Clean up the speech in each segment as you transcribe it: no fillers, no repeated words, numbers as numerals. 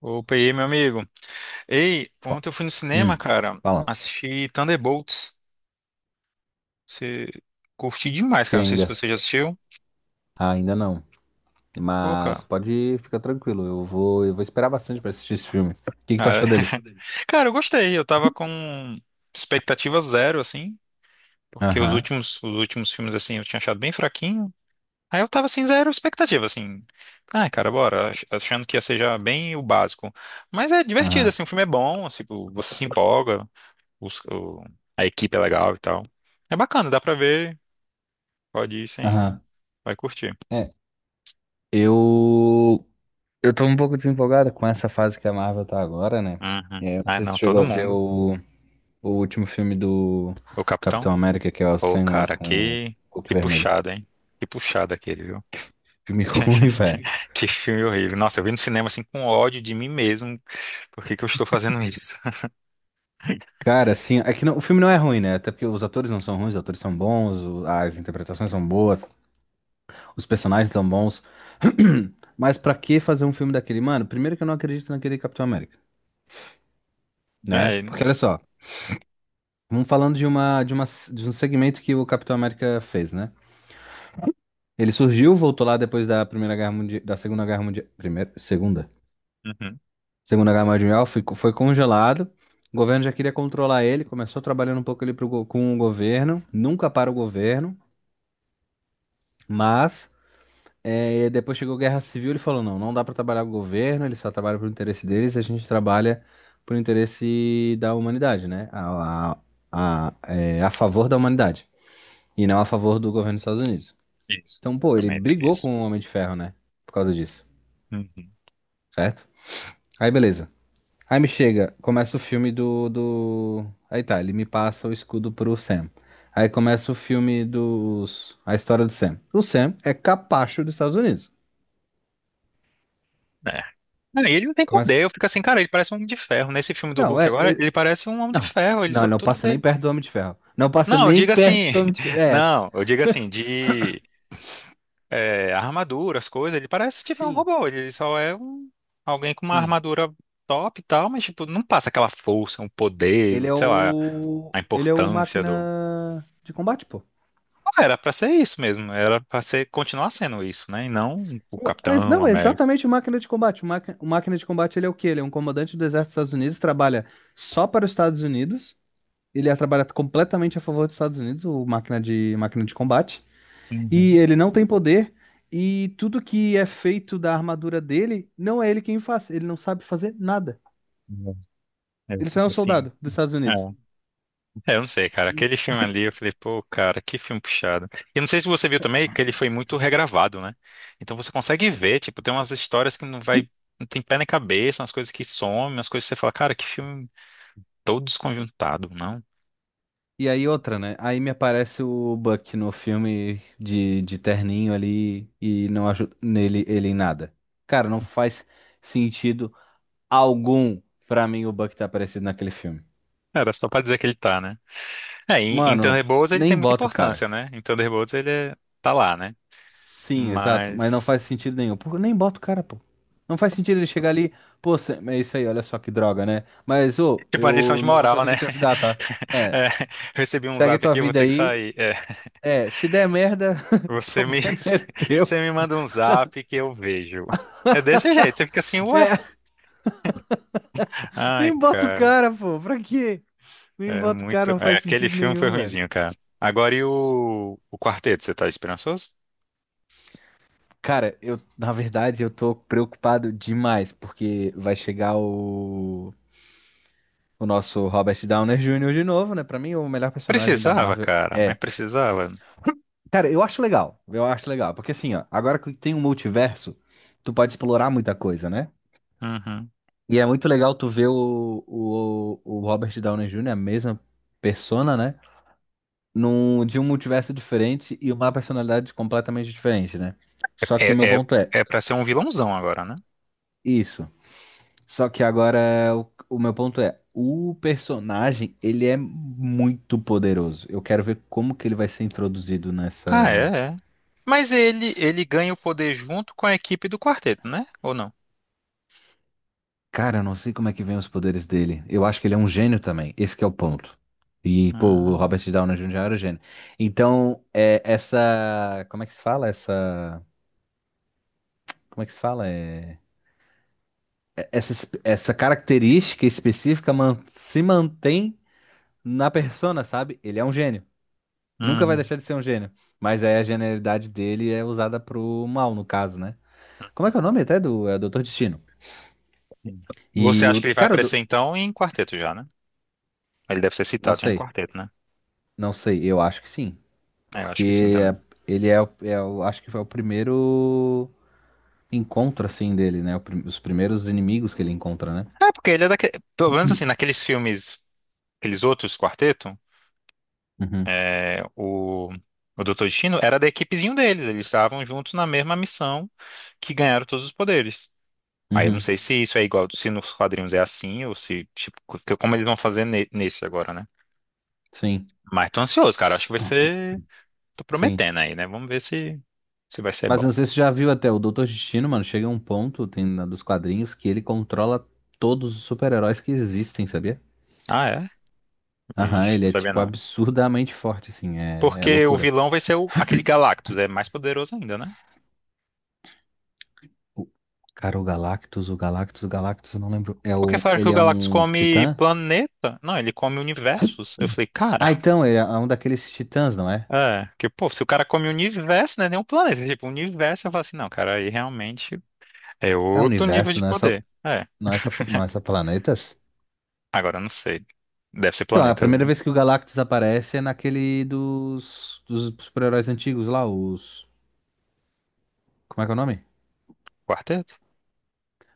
Opa, e aí, meu amigo? Ei, Fa- ontem eu fui no cinema, Hum, cara. Fala. Assisti Thunderbolts. Você curti demais, Achei cara. Não sei se Ainda, você já assistiu. Ainda não. Pô, Mas cara. pode ficar tranquilo. Eu vou esperar bastante pra assistir esse filme. O que que tu Ah, é. achou dele? Cara, eu gostei. Eu tava com expectativa zero, assim. Porque os Aham, últimos, os últimos filmes, assim, eu tinha achado bem fraquinho. Aí eu tava, assim, zero expectativa, assim. Ah, cara, bora. Achando que ia ser já bem o básico. Mas é divertido, aham, assim. O filme é bom, assim, tipo, você se empolga. os- o- a equipe é legal e tal. É bacana, dá pra ver. Pode ir sem. aham. Vai curtir. É, eu, eu tô um pouco desempolgado com essa fase que a Marvel tá agora, né? Uhum. É, eu não Ah, sei se tu não, chegou todo a ver mundo. o último filme do O capitão? Capitão América, que é o Ô, Sam lá cara, com o que, Hulk que Vermelho. puxada, hein? Que puxada aquele, viu? Filme ruim, velho. Que filme horrível. Nossa, eu vi no cinema assim com ódio de mim mesmo. Por que que eu estou fazendo isso? Cara, assim, é que o filme não é ruim, né? Até porque os atores não são ruins, os atores são bons, as interpretações são boas. Os personagens são bons. Mas pra que fazer um filme daquele? Mano, primeiro que eu não acredito naquele Capitão América, né? É, não. Porque olha só, vamos falando de um segmento que o Capitão América fez, né? Ele surgiu, voltou lá depois da Primeira Guerra Mundial, da Segunda Guerra Mundial, primeira, segunda, Uhum. Segunda Guerra Mundial, foi congelado. O governo já queria controlar ele, começou trabalhando um pouco ali com o governo, nunca para o governo, mas é, e depois chegou Guerra Civil, ele falou, não, não dá para trabalhar com o governo, ele só trabalha pro interesse deles, a gente trabalha pro interesse da humanidade, né? A favor da humanidade, e não a favor do governo dos Estados Unidos. Isso, Então, eu pô, ele também vi brigou isso. com o Homem de Ferro, né? Por causa disso, Uhum. certo? Aí, beleza. Aí me chega, começa o filme Aí tá, ele me passa o escudo pro Sam. Aí começa o filme dos... A história do Sam. O Sam é capacho dos Estados Unidos. É. Não, e ele não tem Começa... poder, eu fico assim, cara, ele parece um homem de ferro. Nesse filme do Não, Hulk é, agora, ele parece um homem de não, ferro, ele não, só, não tudo passa nem dele. perto do Homem de Ferro. Não passa Não, eu nem digo perto assim, do Homem de Ferro. É, não, eu digo assim, a armadura, as coisas. Ele parece tipo um sim, robô. Ele só é um, alguém com uma sim. armadura top e tal, mas tipo, não passa aquela força, um poder, sei lá, a Ele é o importância do. máquina de combate, pô. Ah, era pra ser isso mesmo. Era pra ser continuar sendo isso, né? E não o Capitão Não, é América. exatamente o máquina de combate. O máquina de combate, ele é o quê? Ele é um comandante do exército dos Estados Unidos, trabalha só para os Estados Unidos. Trabalha completamente a favor dos Estados Unidos, o máquina máquina de combate. E Uhum. ele não tem poder. E tudo que é feito da armadura dele, não é ele quem faz. Ele não sabe fazer nada. É, eu Ele só é fico um assim. soldado dos Estados Unidos. É, eu não sei, cara. Aquele filme ali, eu falei, pô, cara, que filme puxado. E eu não sei se você viu também que ele foi muito regravado, né? Então você consegue ver, tipo, tem umas histórias que não vai, não tem pé nem cabeça, umas coisas que somem, umas coisas que você fala, cara, que filme todo desconjuntado, não? E aí outra, né? Aí me aparece o Buck no filme de terninho ali e não ajuda nele ele em nada. Cara, não faz sentido algum pra mim o Buck tá aparecendo naquele filme. Era só pra dizer que ele tá, né? É, em Mano, não- Thunderbolts ele tem Nem muita bota o cara. importância, né? Em Thunderbolts ele tá lá, né? Sim, exato, mas não Mas, faz sentido nenhum. Pô, nem bota o cara, pô. Não faz sentido ele chegar ali, pô, Sam, é isso aí, olha só que droga, né? Mas, ô, tipo, uma lição eu de não vou moral, né? conseguir te ajudar, tá? É, É, recebi um segue zap tua aqui, eu vou vida ter que aí. sair. É, É, se der merda, o você me, problema é você teu. me manda um zap que eu vejo. É desse jeito, você fica assim, ué. É. Ai, Nem bota o cara, cara, pô. Pra quê? Nem é bota o muito. cara, não faz Aquele sentido filme foi nenhum, velho. ruinzinho, cara. Agora e o quarteto, você tá esperançoso? Cara, eu, na verdade, eu tô preocupado demais, porque vai chegar o nosso Robert Downey Jr. de novo, né? Pra mim, o melhor personagem da Precisava, Marvel cara, mas é. precisava. Cara, eu acho legal. Eu acho legal. Porque assim, ó, agora que tem um multiverso, tu pode explorar muita coisa, né? Uhum. E é muito legal tu ver o Robert Downey Jr., a mesma persona, né? Num, de um multiverso diferente e uma personalidade completamente diferente, né? Só que o meu É, é, ponto é é pra ser um vilãozão agora, né? isso. Só que agora o meu ponto é, o personagem, ele é muito poderoso. Eu quero ver como que ele vai ser introduzido Ah, nessa. é, é. Mas ele, ganha o poder junto com a equipe do quarteto, né? Ou não? Cara, eu não sei como é que vem os poderes dele. Eu acho que ele é um gênio também. Esse que é o ponto. E, pô, o Hum, Robert Downey Jr. era um gênio. Então, é, essa. Como é que se fala? Essa. Como é que se fala? Essa, essa característica específica se mantém na persona, sabe? Ele é um gênio. Nunca vai uhum. deixar de ser um gênio. Mas aí a genialidade dele é usada pro mal, no caso, né? Como é que é o nome até do Doutor Destino? E Você o. acha que ele vai Cara, o aparecer do- então em quarteto já, né? Ele deve ser Não citado já em sei. quarteto, né? Não sei. Eu acho que sim. É, eu acho que sim Porque é- também. ele é, o- é o- Acho que foi o primeiro encontro, assim, dele, né? Os primeiros inimigos que ele encontra, né? É, porque ele é daquele. Pelo menos assim, naqueles filmes, aqueles outros quarteto, Uhum. é, o Doutor Destino era da equipezinho deles. Eles estavam juntos na mesma missão que ganharam todos os poderes. Aí eu não Uhum. sei se isso é igual, se nos quadrinhos é assim, ou se, tipo, como eles vão fazer nesse agora, né? Sim. Mas tô ansioso, cara. Acho S- que vai ser. Tô Sim. prometendo aí, né? Vamos ver se vai ser Mas bom. eu não sei se você já viu até o Doutor Destino, mano. Chega um ponto, tem dos quadrinhos, que ele controla todos os super-heróis que existem, sabia? Ah, é? Aham, Vixe, ele não é, sabia tipo, não. absurdamente forte, assim. É, é Porque o loucura. vilão vai ser aquele Galactus, é mais poderoso ainda, né? O- Cara, o Galactus, eu não lembro. É Porque o, falaram que o ele é Galactus um come titã? planeta? Não, ele come universos. Eu falei, cara, Ah, então, ele é um daqueles titãs, não é? é, que pô, se o cara come universo, não é nem um planeta. Tipo, universo, eu falo assim, não, cara, aí realmente é É o outro nível universo, de poder. É, não é só planetas? agora eu não sei. Deve ser Então, é a planetas, primeira né? vez que o Galactus aparece é naquele dos super-heróis antigos lá, os... Como é que é o nome? Quarteto?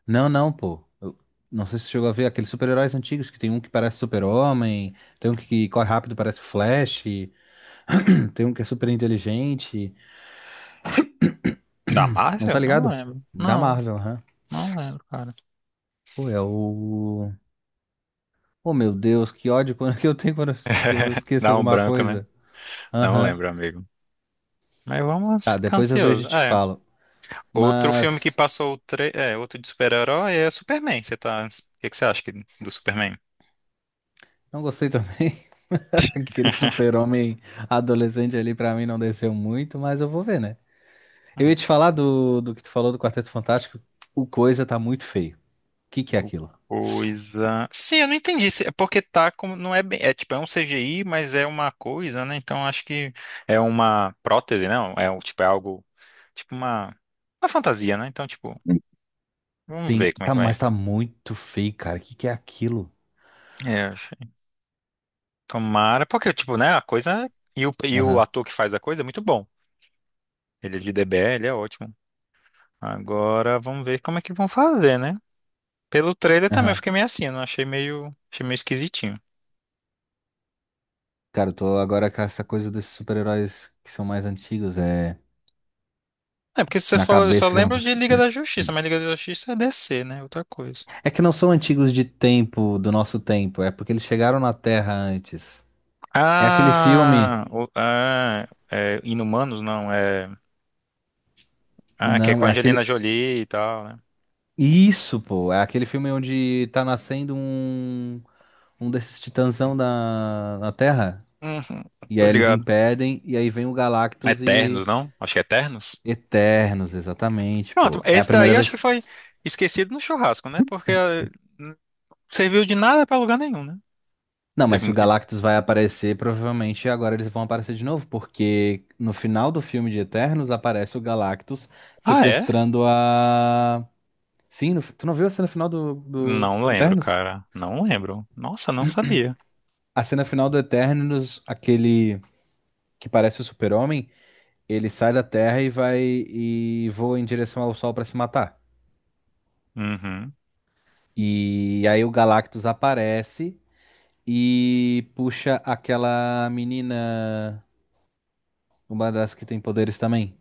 Não, não, pô. Eu não sei se você chegou a ver aqueles super-heróis antigos, que tem um que parece super-homem, tem um que corre rápido, parece o Flash, tem um que é super inteligente. Da Não tá Marvel? Não ligado? lembro. Da Não, Marvel, aham. não lembro, cara. Pô, é o. Oh, meu Deus, que ódio que eu tenho quando que eu não esqueço Dá um alguma branco, né? coisa. Não Aham. lembro, amigo. Mas vamos Tá, ficar depois eu vejo e ansioso. te É, falo. outro filme que Mas passou, outro de super-herói é Superman. Você tá... O que que você acha do Superman? não gostei também. Aquele super-homem adolescente ali pra mim não desceu muito, mas eu vou ver, né? Eu ia Hum. te falar do que tu falou do Quarteto Fantástico. O coisa tá muito feio. O que que é O aquilo? Coisa. Sim, eu não entendi. É porque tá como. Não é bem. É tipo, é um CGI, mas é uma coisa, né? Então acho que é uma prótese, não? É tipo, é algo. Tipo uma. Uma fantasia, né? Então, tipo, vamos Sim, ver como é tá, que mas vai. tá muito feio, cara. O que que é aquilo? É, eu achei. Tomara. Porque, tipo, né? A coisa. e o, Aham, ator que faz a coisa é muito bom. Ele é de DBL, ele é ótimo. Agora vamos ver como é que vão fazer, né? Pelo trailer também eu aham. fiquei meio assim, eu não achei meio. Achei meio esquisitinho. Cara, eu tô agora com essa coisa desses super-heróis que são mais antigos, é É, porque você na falou, eu só cabeça que eu não lembro de consigo. Liga da Justiça, mas Liga da Justiça é DC, né? Outra coisa. É que não são antigos de tempo, do nosso tempo, é porque eles chegaram na Terra antes. É aquele filme. Ah, é Inumanos, não, é. Ah, que é Não, com a é Angelina aquele. Jolie e tal, né? Isso, pô! É aquele filme onde tá nascendo um. Um desses titãzão na Terra. Uhum, E tô aí eles ligado. impedem, e aí vem o Galactus e Eternos, não? Acho que é Eternos. Eternos, exatamente, Pronto, pô. É a esse primeira daí acho vez. que foi esquecido no churrasco, né? Porque não serviu de nada pra lugar nenhum, né? Não Não, mas teve se o muito. Galactus vai aparecer, provavelmente agora eles vão aparecer de novo, porque no final do filme de Eternos aparece o Galactus Ah, é? sequestrando a. Sim, tu não viu a cena final do, do, Não do lembro, Eternos? cara. Não lembro. Nossa, não sabia. A cena final do Eternos, aquele que parece o Super-Homem, ele sai da Terra e vai e voa em direção ao Sol pra se matar. Uhum. E aí o Galactus aparece e puxa aquela menina, uma das que tem poderes também.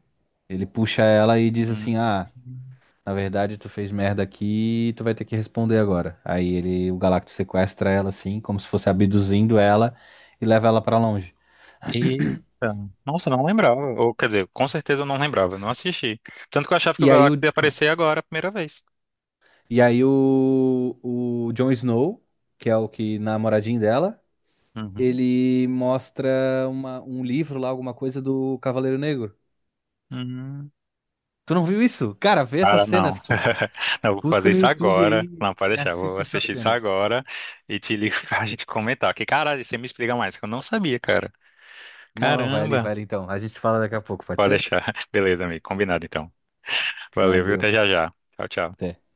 Ele puxa ela e diz assim: Hum. Ah, na verdade tu fez merda aqui e tu vai ter que responder agora. Aí ele, o Galactus sequestra ela assim, como se fosse abduzindo ela e leva ela pra longe. Eita, nossa, não lembrava. Ou, quer dizer, com certeza eu não lembrava, eu não assisti. Tanto que eu achava que o E aí o, Galactus ia aparecer agora, a primeira vez. e aí o Jon Snow, que é o que namoradinho dela, Uhum. ele mostra uma, um livro lá, alguma coisa do Cavaleiro Negro. Uhum. Tu não viu isso? Cara, vê essas Cara, não. cenas, pô. Não, eu vou Busca fazer no isso YouTube agora. aí Não, pode e deixar, eu vou assiste essas assistir isso cenas. agora e te ligo pra gente comentar. Que caralho, você me explica mais, que eu não sabia, cara. Não, não, Caramba. vai ali então. A gente fala daqui a pouco, pode Pode ser? deixar. Beleza, amigo, combinado então. Valeu, viu? Valeu. Até já já. Tchau, tchau. Até